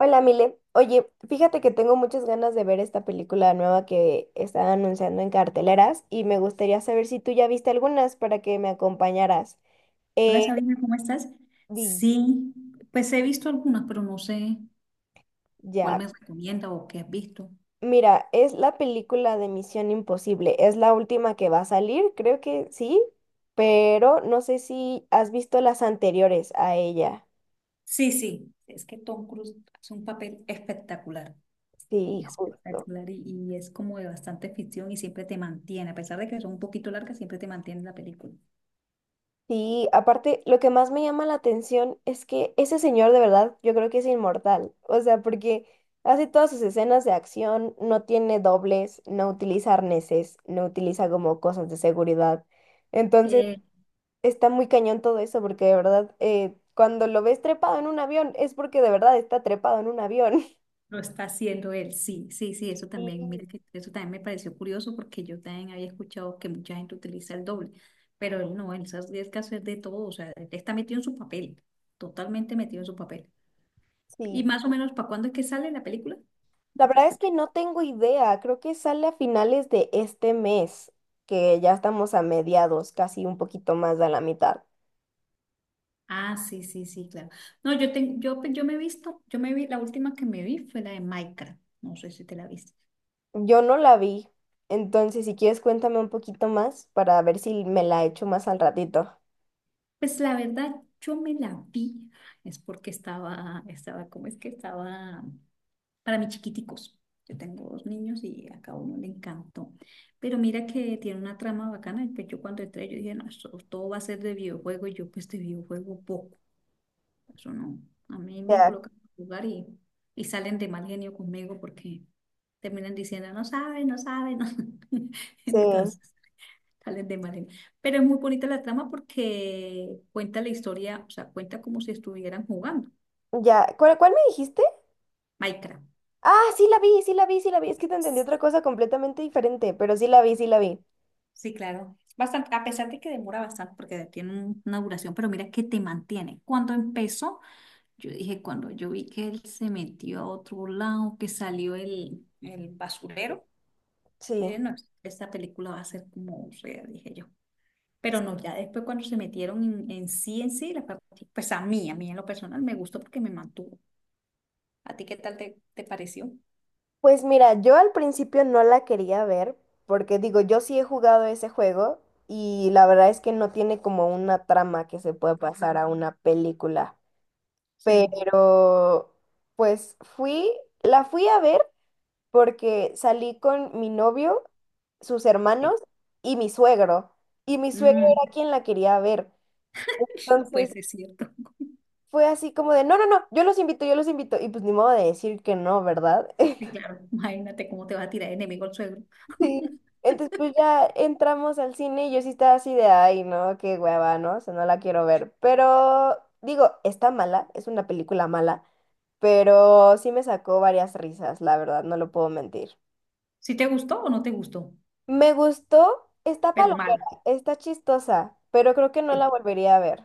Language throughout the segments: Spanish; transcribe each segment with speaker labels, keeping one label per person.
Speaker 1: Hola, Mile. Oye, fíjate que tengo muchas ganas de ver esta película nueva que están anunciando en carteleras y me gustaría saber si tú ya viste algunas para que me acompañaras.
Speaker 2: Hola,
Speaker 1: Eh,
Speaker 2: Sabrina, ¿cómo estás?
Speaker 1: di-
Speaker 2: Sí, pues he visto algunas, pero no sé cuál
Speaker 1: ya,
Speaker 2: me recomienda o qué has visto.
Speaker 1: mira, es la película de Misión Imposible. Es la última que va a salir, creo que sí, pero no sé si has visto las anteriores a ella.
Speaker 2: Sí, sí, es que Tom Cruise hace un papel espectacular,
Speaker 1: Sí, justo.
Speaker 2: espectacular y es como de bastante ficción y siempre te mantiene, a pesar de que son un poquito largas, siempre te mantiene en la película.
Speaker 1: Sí, aparte, lo que más me llama la atención es que ese señor de verdad, yo creo que es inmortal. O sea, porque hace todas sus escenas de acción, no tiene dobles, no utiliza arneses, no utiliza como cosas de seguridad. Entonces, está muy cañón todo eso, porque de verdad, cuando lo ves trepado en un avión, es porque de verdad está trepado en un avión.
Speaker 2: Lo está haciendo él, sí, sí, sí, eso
Speaker 1: Sí,
Speaker 2: también, mira que eso también me pareció curioso porque yo también había escuchado que mucha gente utiliza el doble, pero él no, él se arriesga que hacer de todo, o sea, él está metido en su papel, totalmente metido en su papel.
Speaker 1: sí.
Speaker 2: ¿Y más o menos para cuándo es que sale la película?
Speaker 1: La
Speaker 2: Entonces,
Speaker 1: verdad es
Speaker 2: que-
Speaker 1: que no tengo idea, creo que sale a finales de este mes, que ya estamos a mediados, casi un poquito más de la mitad.
Speaker 2: Ah, sí, sí, sí, claro. No, yo me vi, la última que me vi fue la de Minecraft, no sé si te la viste.
Speaker 1: Yo no la vi, entonces si quieres cuéntame un poquito más para ver si me la echo más al ratito.
Speaker 2: Pues la verdad, yo me la vi, es porque ¿cómo es que estaba? Para mis chiquiticos. Yo tengo dos niños y a cada uno le encantó. Pero mira que tiene una trama bacana. Y pues yo cuando entré, yo dije, no, esto todo va a ser de videojuego. Y yo, pues de videojuego poco. Eso no. A mí me
Speaker 1: Ya,
Speaker 2: colocan a jugar y salen de mal genio conmigo porque terminan diciendo, no sabe, no sabe, no.
Speaker 1: sí,
Speaker 2: Entonces, salen de mal genio. Pero es muy bonita la trama porque cuenta la historia, o sea, cuenta como si estuvieran jugando
Speaker 1: ya. ¿Cuál me dijiste?
Speaker 2: Minecraft.
Speaker 1: Ah, sí la vi, sí la vi, sí la vi. Es que te entendí otra cosa completamente diferente, pero sí la vi, sí la vi.
Speaker 2: Sí, claro. Bastante, a pesar de que demora bastante porque tiene una duración, pero mira que te mantiene. Cuando empezó, yo dije, cuando yo vi que él se metió a otro lado, que salió el basurero, yo
Speaker 1: Sí.
Speaker 2: dije, no, esta película va a ser como fea, dije yo. Pero no, ya después cuando se metieron en sí, pues a mí en lo personal me gustó porque me mantuvo. ¿A ti qué tal te pareció?
Speaker 1: Pues mira, yo al principio no la quería ver, porque digo, yo sí he jugado ese juego y la verdad es que no tiene como una trama que se pueda pasar a una película.
Speaker 2: Sí.
Speaker 1: Pero pues fui, la fui a ver porque salí con mi novio, sus hermanos y mi suegro. Y mi suegro
Speaker 2: Mm,
Speaker 1: era quien la quería ver.
Speaker 2: no puede
Speaker 1: Entonces
Speaker 2: ser cierto.
Speaker 1: fue así como de, no, no, no, yo los invito, yo los invito. Y pues ni modo de decir que no, ¿verdad?
Speaker 2: Sí, claro. Imagínate cómo te va a tirar de enemigo el suegro.
Speaker 1: Sí. Entonces, pues ya entramos al cine y yo sí estaba así de, ay, no, qué hueva, ¿no? O sea, no la quiero ver. Pero, digo, está mala, es una película mala, pero sí me sacó varias risas, la verdad, no lo puedo mentir.
Speaker 2: ¿Si te gustó o no te gustó?
Speaker 1: Me gustó, está
Speaker 2: Pero mal.
Speaker 1: palomera, está chistosa, pero creo que no la
Speaker 2: Sí.
Speaker 1: volvería a ver.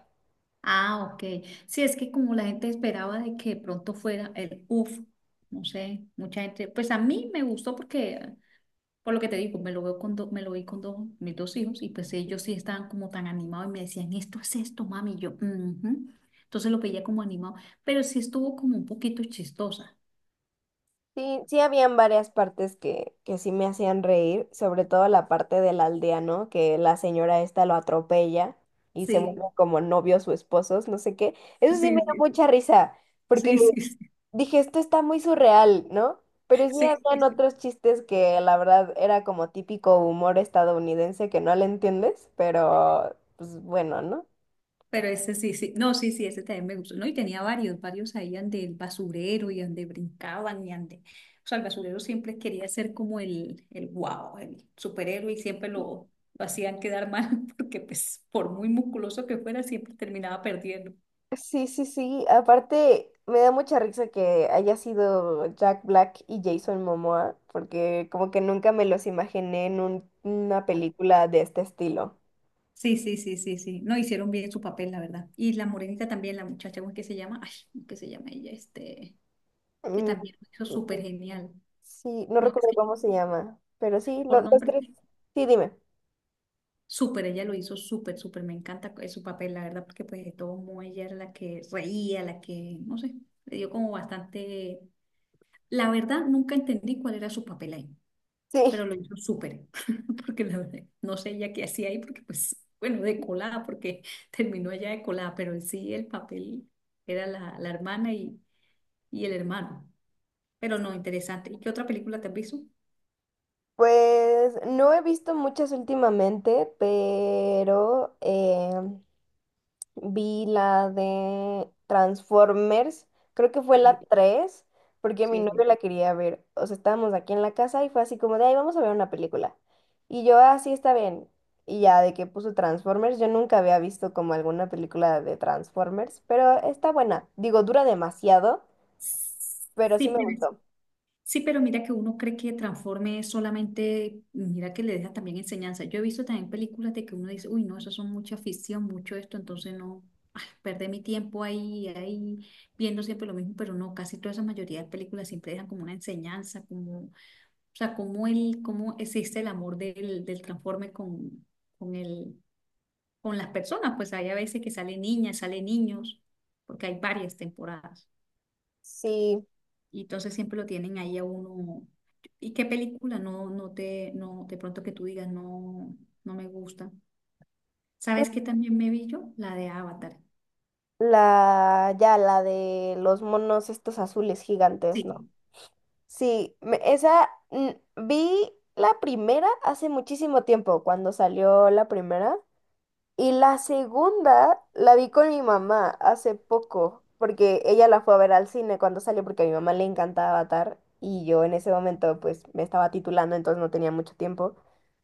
Speaker 2: Ah, OK. Sí, es que como la gente esperaba de que de pronto fuera el uff, no sé, mucha gente, pues a mí me gustó porque, por lo que te digo, me lo vi con dos, mis dos hijos y pues ellos sí estaban como tan animados y me decían, esto es esto, mami, y yo, "Ujú". Entonces lo veía como animado, pero sí estuvo como un poquito chistosa.
Speaker 1: Sí, sí habían varias partes que sí me hacían reír, sobre todo la parte del aldeano, que la señora esta lo atropella y se
Speaker 2: Sí,
Speaker 1: vuelven como novios o esposos, no sé qué. Eso sí
Speaker 2: sí,
Speaker 1: me dio
Speaker 2: sí,
Speaker 1: mucha risa, porque
Speaker 2: sí, sí, sí,
Speaker 1: dije, esto está muy surreal, ¿no? Pero sí
Speaker 2: sí,
Speaker 1: habían
Speaker 2: sí.
Speaker 1: otros chistes que la verdad era como típico humor estadounidense que no le entiendes, pero pues bueno, ¿no?
Speaker 2: Pero ese sí, sí. No, sí, sí, ese también me gustó. No, y tenía varios, varios ahí ande el basurero y ande brincaban y ande. O sea, el basurero siempre quería ser como el wow, el superhéroe y siempre lo hacían quedar mal porque pues por muy musculoso que fuera siempre terminaba perdiendo.
Speaker 1: Sí, sí, sí. Aparte, me da mucha risa que haya sido Jack Black y Jason Momoa, porque como que nunca me los imaginé en una película de este estilo.
Speaker 2: Sí, sí, sí, sí, sí. No hicieron bien su papel, la verdad. Y la morenita también, la muchacha, ¿cómo es que se llama? Ay, ¿cómo es que se llama ella? Este, que
Speaker 1: Mm,
Speaker 2: también lo hizo súper genial.
Speaker 1: sí, no
Speaker 2: No, es
Speaker 1: recuerdo
Speaker 2: que
Speaker 1: cómo se llama, pero sí, lo-
Speaker 2: por
Speaker 1: los
Speaker 2: nombre.
Speaker 1: tres. Sí, dime.
Speaker 2: Súper, ella lo hizo súper, súper, me encanta su papel, la verdad, porque pues de todo modo ella era la que reía, la que, no sé, le dio como bastante, la verdad, nunca entendí cuál era su papel ahí, pero
Speaker 1: Sí,
Speaker 2: lo hizo súper, porque la verdad, no sé ella qué hacía ahí, porque pues, bueno, de colada, porque terminó allá de colada, pero en sí el papel era la hermana y el hermano, pero no, interesante. ¿Y qué otra película te has visto?
Speaker 1: pues no he visto muchas últimamente, pero vi la de Transformers, creo que fue la
Speaker 2: Sí,
Speaker 1: 3 porque mi novio
Speaker 2: sí,
Speaker 1: la quería ver. O sea, estábamos aquí en la casa y fue así como de, ay, vamos a ver una película. Y yo, así está bien. Y ya de que puso Transformers, yo nunca había visto como alguna película de Transformers, pero está buena. Digo, dura demasiado, pero sí
Speaker 2: sí.
Speaker 1: me
Speaker 2: Sí,
Speaker 1: gustó.
Speaker 2: sí, pero mira que uno cree que transforme solamente, mira que le deja también enseñanza. Yo he visto también películas de que uno dice, uy, no, eso son mucha ficción, mucho esto, entonces no, perder mi tiempo viendo siempre lo mismo, pero no, casi toda esa mayoría de películas siempre dejan como una enseñanza, como, o sea, cómo existe el amor del transforme con el, con las personas, pues hay a veces que salen niñas, salen niños, porque hay varias temporadas.
Speaker 1: Sí,
Speaker 2: Y entonces siempre lo tienen ahí a uno. ¿Y qué película? No, no te, no, de pronto que tú digas, no, no me gusta.
Speaker 1: pues
Speaker 2: ¿Sabes qué también me vi yo? La de Avatar.
Speaker 1: la, ya la de los monos estos azules gigantes, ¿no?
Speaker 2: Sí,
Speaker 1: Sí, vi la primera hace muchísimo tiempo, cuando salió la primera. Y la segunda la vi con mi mamá hace poco, porque ella la fue a ver al cine cuando salió, porque a mi mamá le encantaba Avatar y yo en ese momento pues me estaba titulando, entonces no tenía mucho tiempo.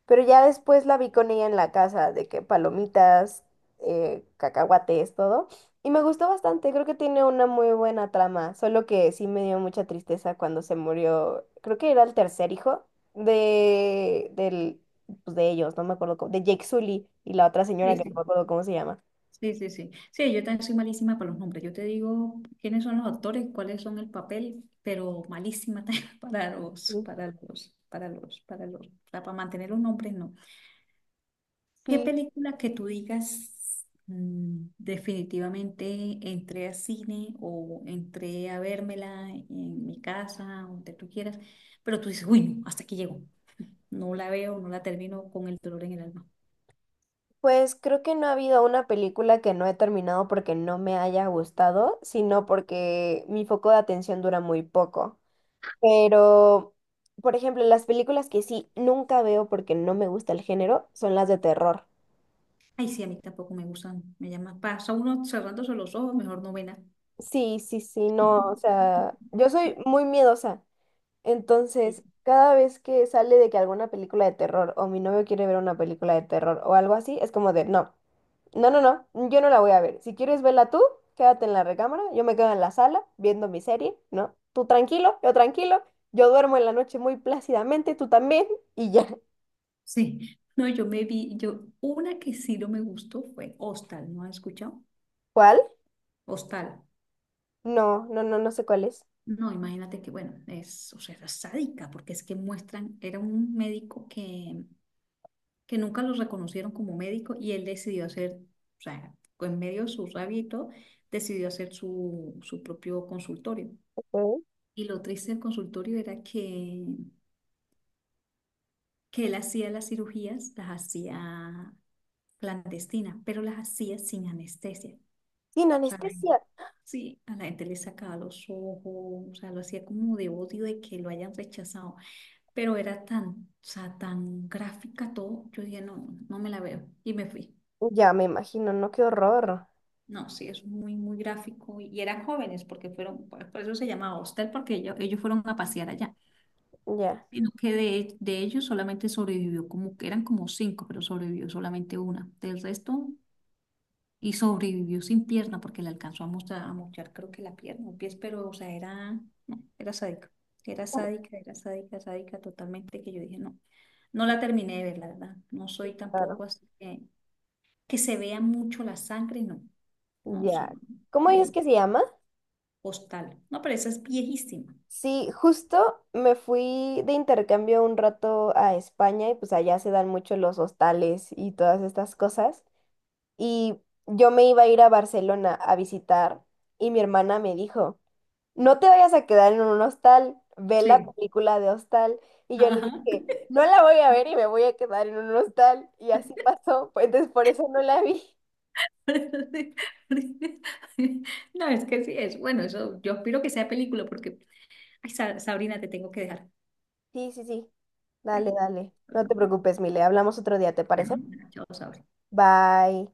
Speaker 1: Pero ya después la vi con ella en la casa, de que palomitas, cacahuates, todo. Y me gustó bastante, creo que tiene una muy buena trama, solo que sí me dio mucha tristeza cuando se murió, creo que era el tercer hijo de, del pues, de ellos, no me acuerdo cómo, de Jake Sully y la otra señora
Speaker 2: sí,
Speaker 1: que no me
Speaker 2: sí.
Speaker 1: acuerdo cómo se llama.
Speaker 2: Sí, sí, sí. Sí, yo también soy malísima para los nombres. Yo te digo quiénes son los actores, cuáles son el papel, pero malísima también
Speaker 1: Sí.
Speaker 2: o sea, para mantener los nombres, no. ¿Qué
Speaker 1: Sí,
Speaker 2: película que tú digas, definitivamente entré a cine o entré a vérmela en mi casa, donde tú quieras, pero tú dices, uy, no, hasta aquí llego, no la veo, no la termino con el dolor en el alma?
Speaker 1: pues creo que no ha habido una película que no he terminado porque no me haya gustado, sino porque mi foco de atención dura muy poco. Pero, por ejemplo, las películas que sí nunca veo porque no me gusta el género son las de terror.
Speaker 2: Ay, sí, a mí tampoco me gustan, me llama, pasa uno cerrándose los ojos, mejor no novena.
Speaker 1: Sí, sí, sí, no, o sea, yo soy muy miedosa.
Speaker 2: Sí,
Speaker 1: Entonces, cada vez que sale de que alguna película de terror o mi novio quiere ver una película de terror o algo así, es como de no, no, no, no, yo no la voy a ver. Si quieres verla tú, quédate en la recámara, yo me quedo en la sala viendo mi serie, ¿no? Tú tranquilo, yo duermo en la noche muy plácidamente, tú también, y ya.
Speaker 2: sí. No, yo me vi, yo, una que sí no me gustó fue Hostal, ¿no has escuchado?
Speaker 1: ¿Cuál?
Speaker 2: Hostal.
Speaker 1: No, no, no, no sé cuál es.
Speaker 2: No, imagínate que, bueno, o sea, era sádica, porque es que muestran, era un médico que nunca lo reconocieron como médico y él decidió hacer, o sea, en medio de su rabia y todo, decidió hacer su propio consultorio.
Speaker 1: Ok.
Speaker 2: Y lo triste del consultorio era que él hacía las cirugías, las hacía clandestinas, pero las hacía sin anestesia.
Speaker 1: Sin
Speaker 2: O sea, la gente-
Speaker 1: anestesia.
Speaker 2: sí, a la gente le sacaba los ojos, o sea, lo hacía como de odio de que lo hayan rechazado. Pero era tan, o sea, tan gráfica todo, yo dije, no, no me la veo y me fui.
Speaker 1: Ya me imagino, no, qué horror.
Speaker 2: No, sí, es muy, muy gráfico y eran jóvenes porque fueron, por eso se llamaba hostel, porque ellos fueron a pasear allá,
Speaker 1: Ya.
Speaker 2: sino que de ellos solamente sobrevivió como que eran como cinco, pero sobrevivió solamente una. Del resto, y sobrevivió sin pierna porque le alcanzó a a mochar, creo que la pierna, un pie pero o sea, era, no, era sádica, era
Speaker 1: ¿Cómo?
Speaker 2: sádica, era sádica, sádica totalmente que yo dije, no, no la terminé de ver, la verdad, no soy tampoco
Speaker 1: Claro.
Speaker 2: así que se vea mucho la sangre, no, no, eso
Speaker 1: Ya.
Speaker 2: no,
Speaker 1: ¿Cómo
Speaker 2: no
Speaker 1: es
Speaker 2: me
Speaker 1: que se llama?
Speaker 2: postal, no, pero esa es viejísima.
Speaker 1: Sí, justo me fui de intercambio un rato a España y pues allá se dan mucho los hostales y todas estas cosas. Y yo me iba a ir a Barcelona a visitar y mi hermana me dijo, no te vayas a quedar en un hostal, ve la
Speaker 2: Sí.
Speaker 1: película de hostal. Y yo le
Speaker 2: Ajá.
Speaker 1: dije, no la voy a ver y me voy a quedar en un hostal. Y así pasó, pues entonces por eso no la vi.
Speaker 2: No, es que sí, es bueno, eso yo espero que sea película porque, ay, Sabrina, te tengo que dejar.
Speaker 1: Sí, sí, sí,
Speaker 2: ¿Sí?
Speaker 1: dale, dale. No te preocupes, Mile, hablamos otro día, ¿te parece?
Speaker 2: Bueno, chao, Sabrina.
Speaker 1: Bye.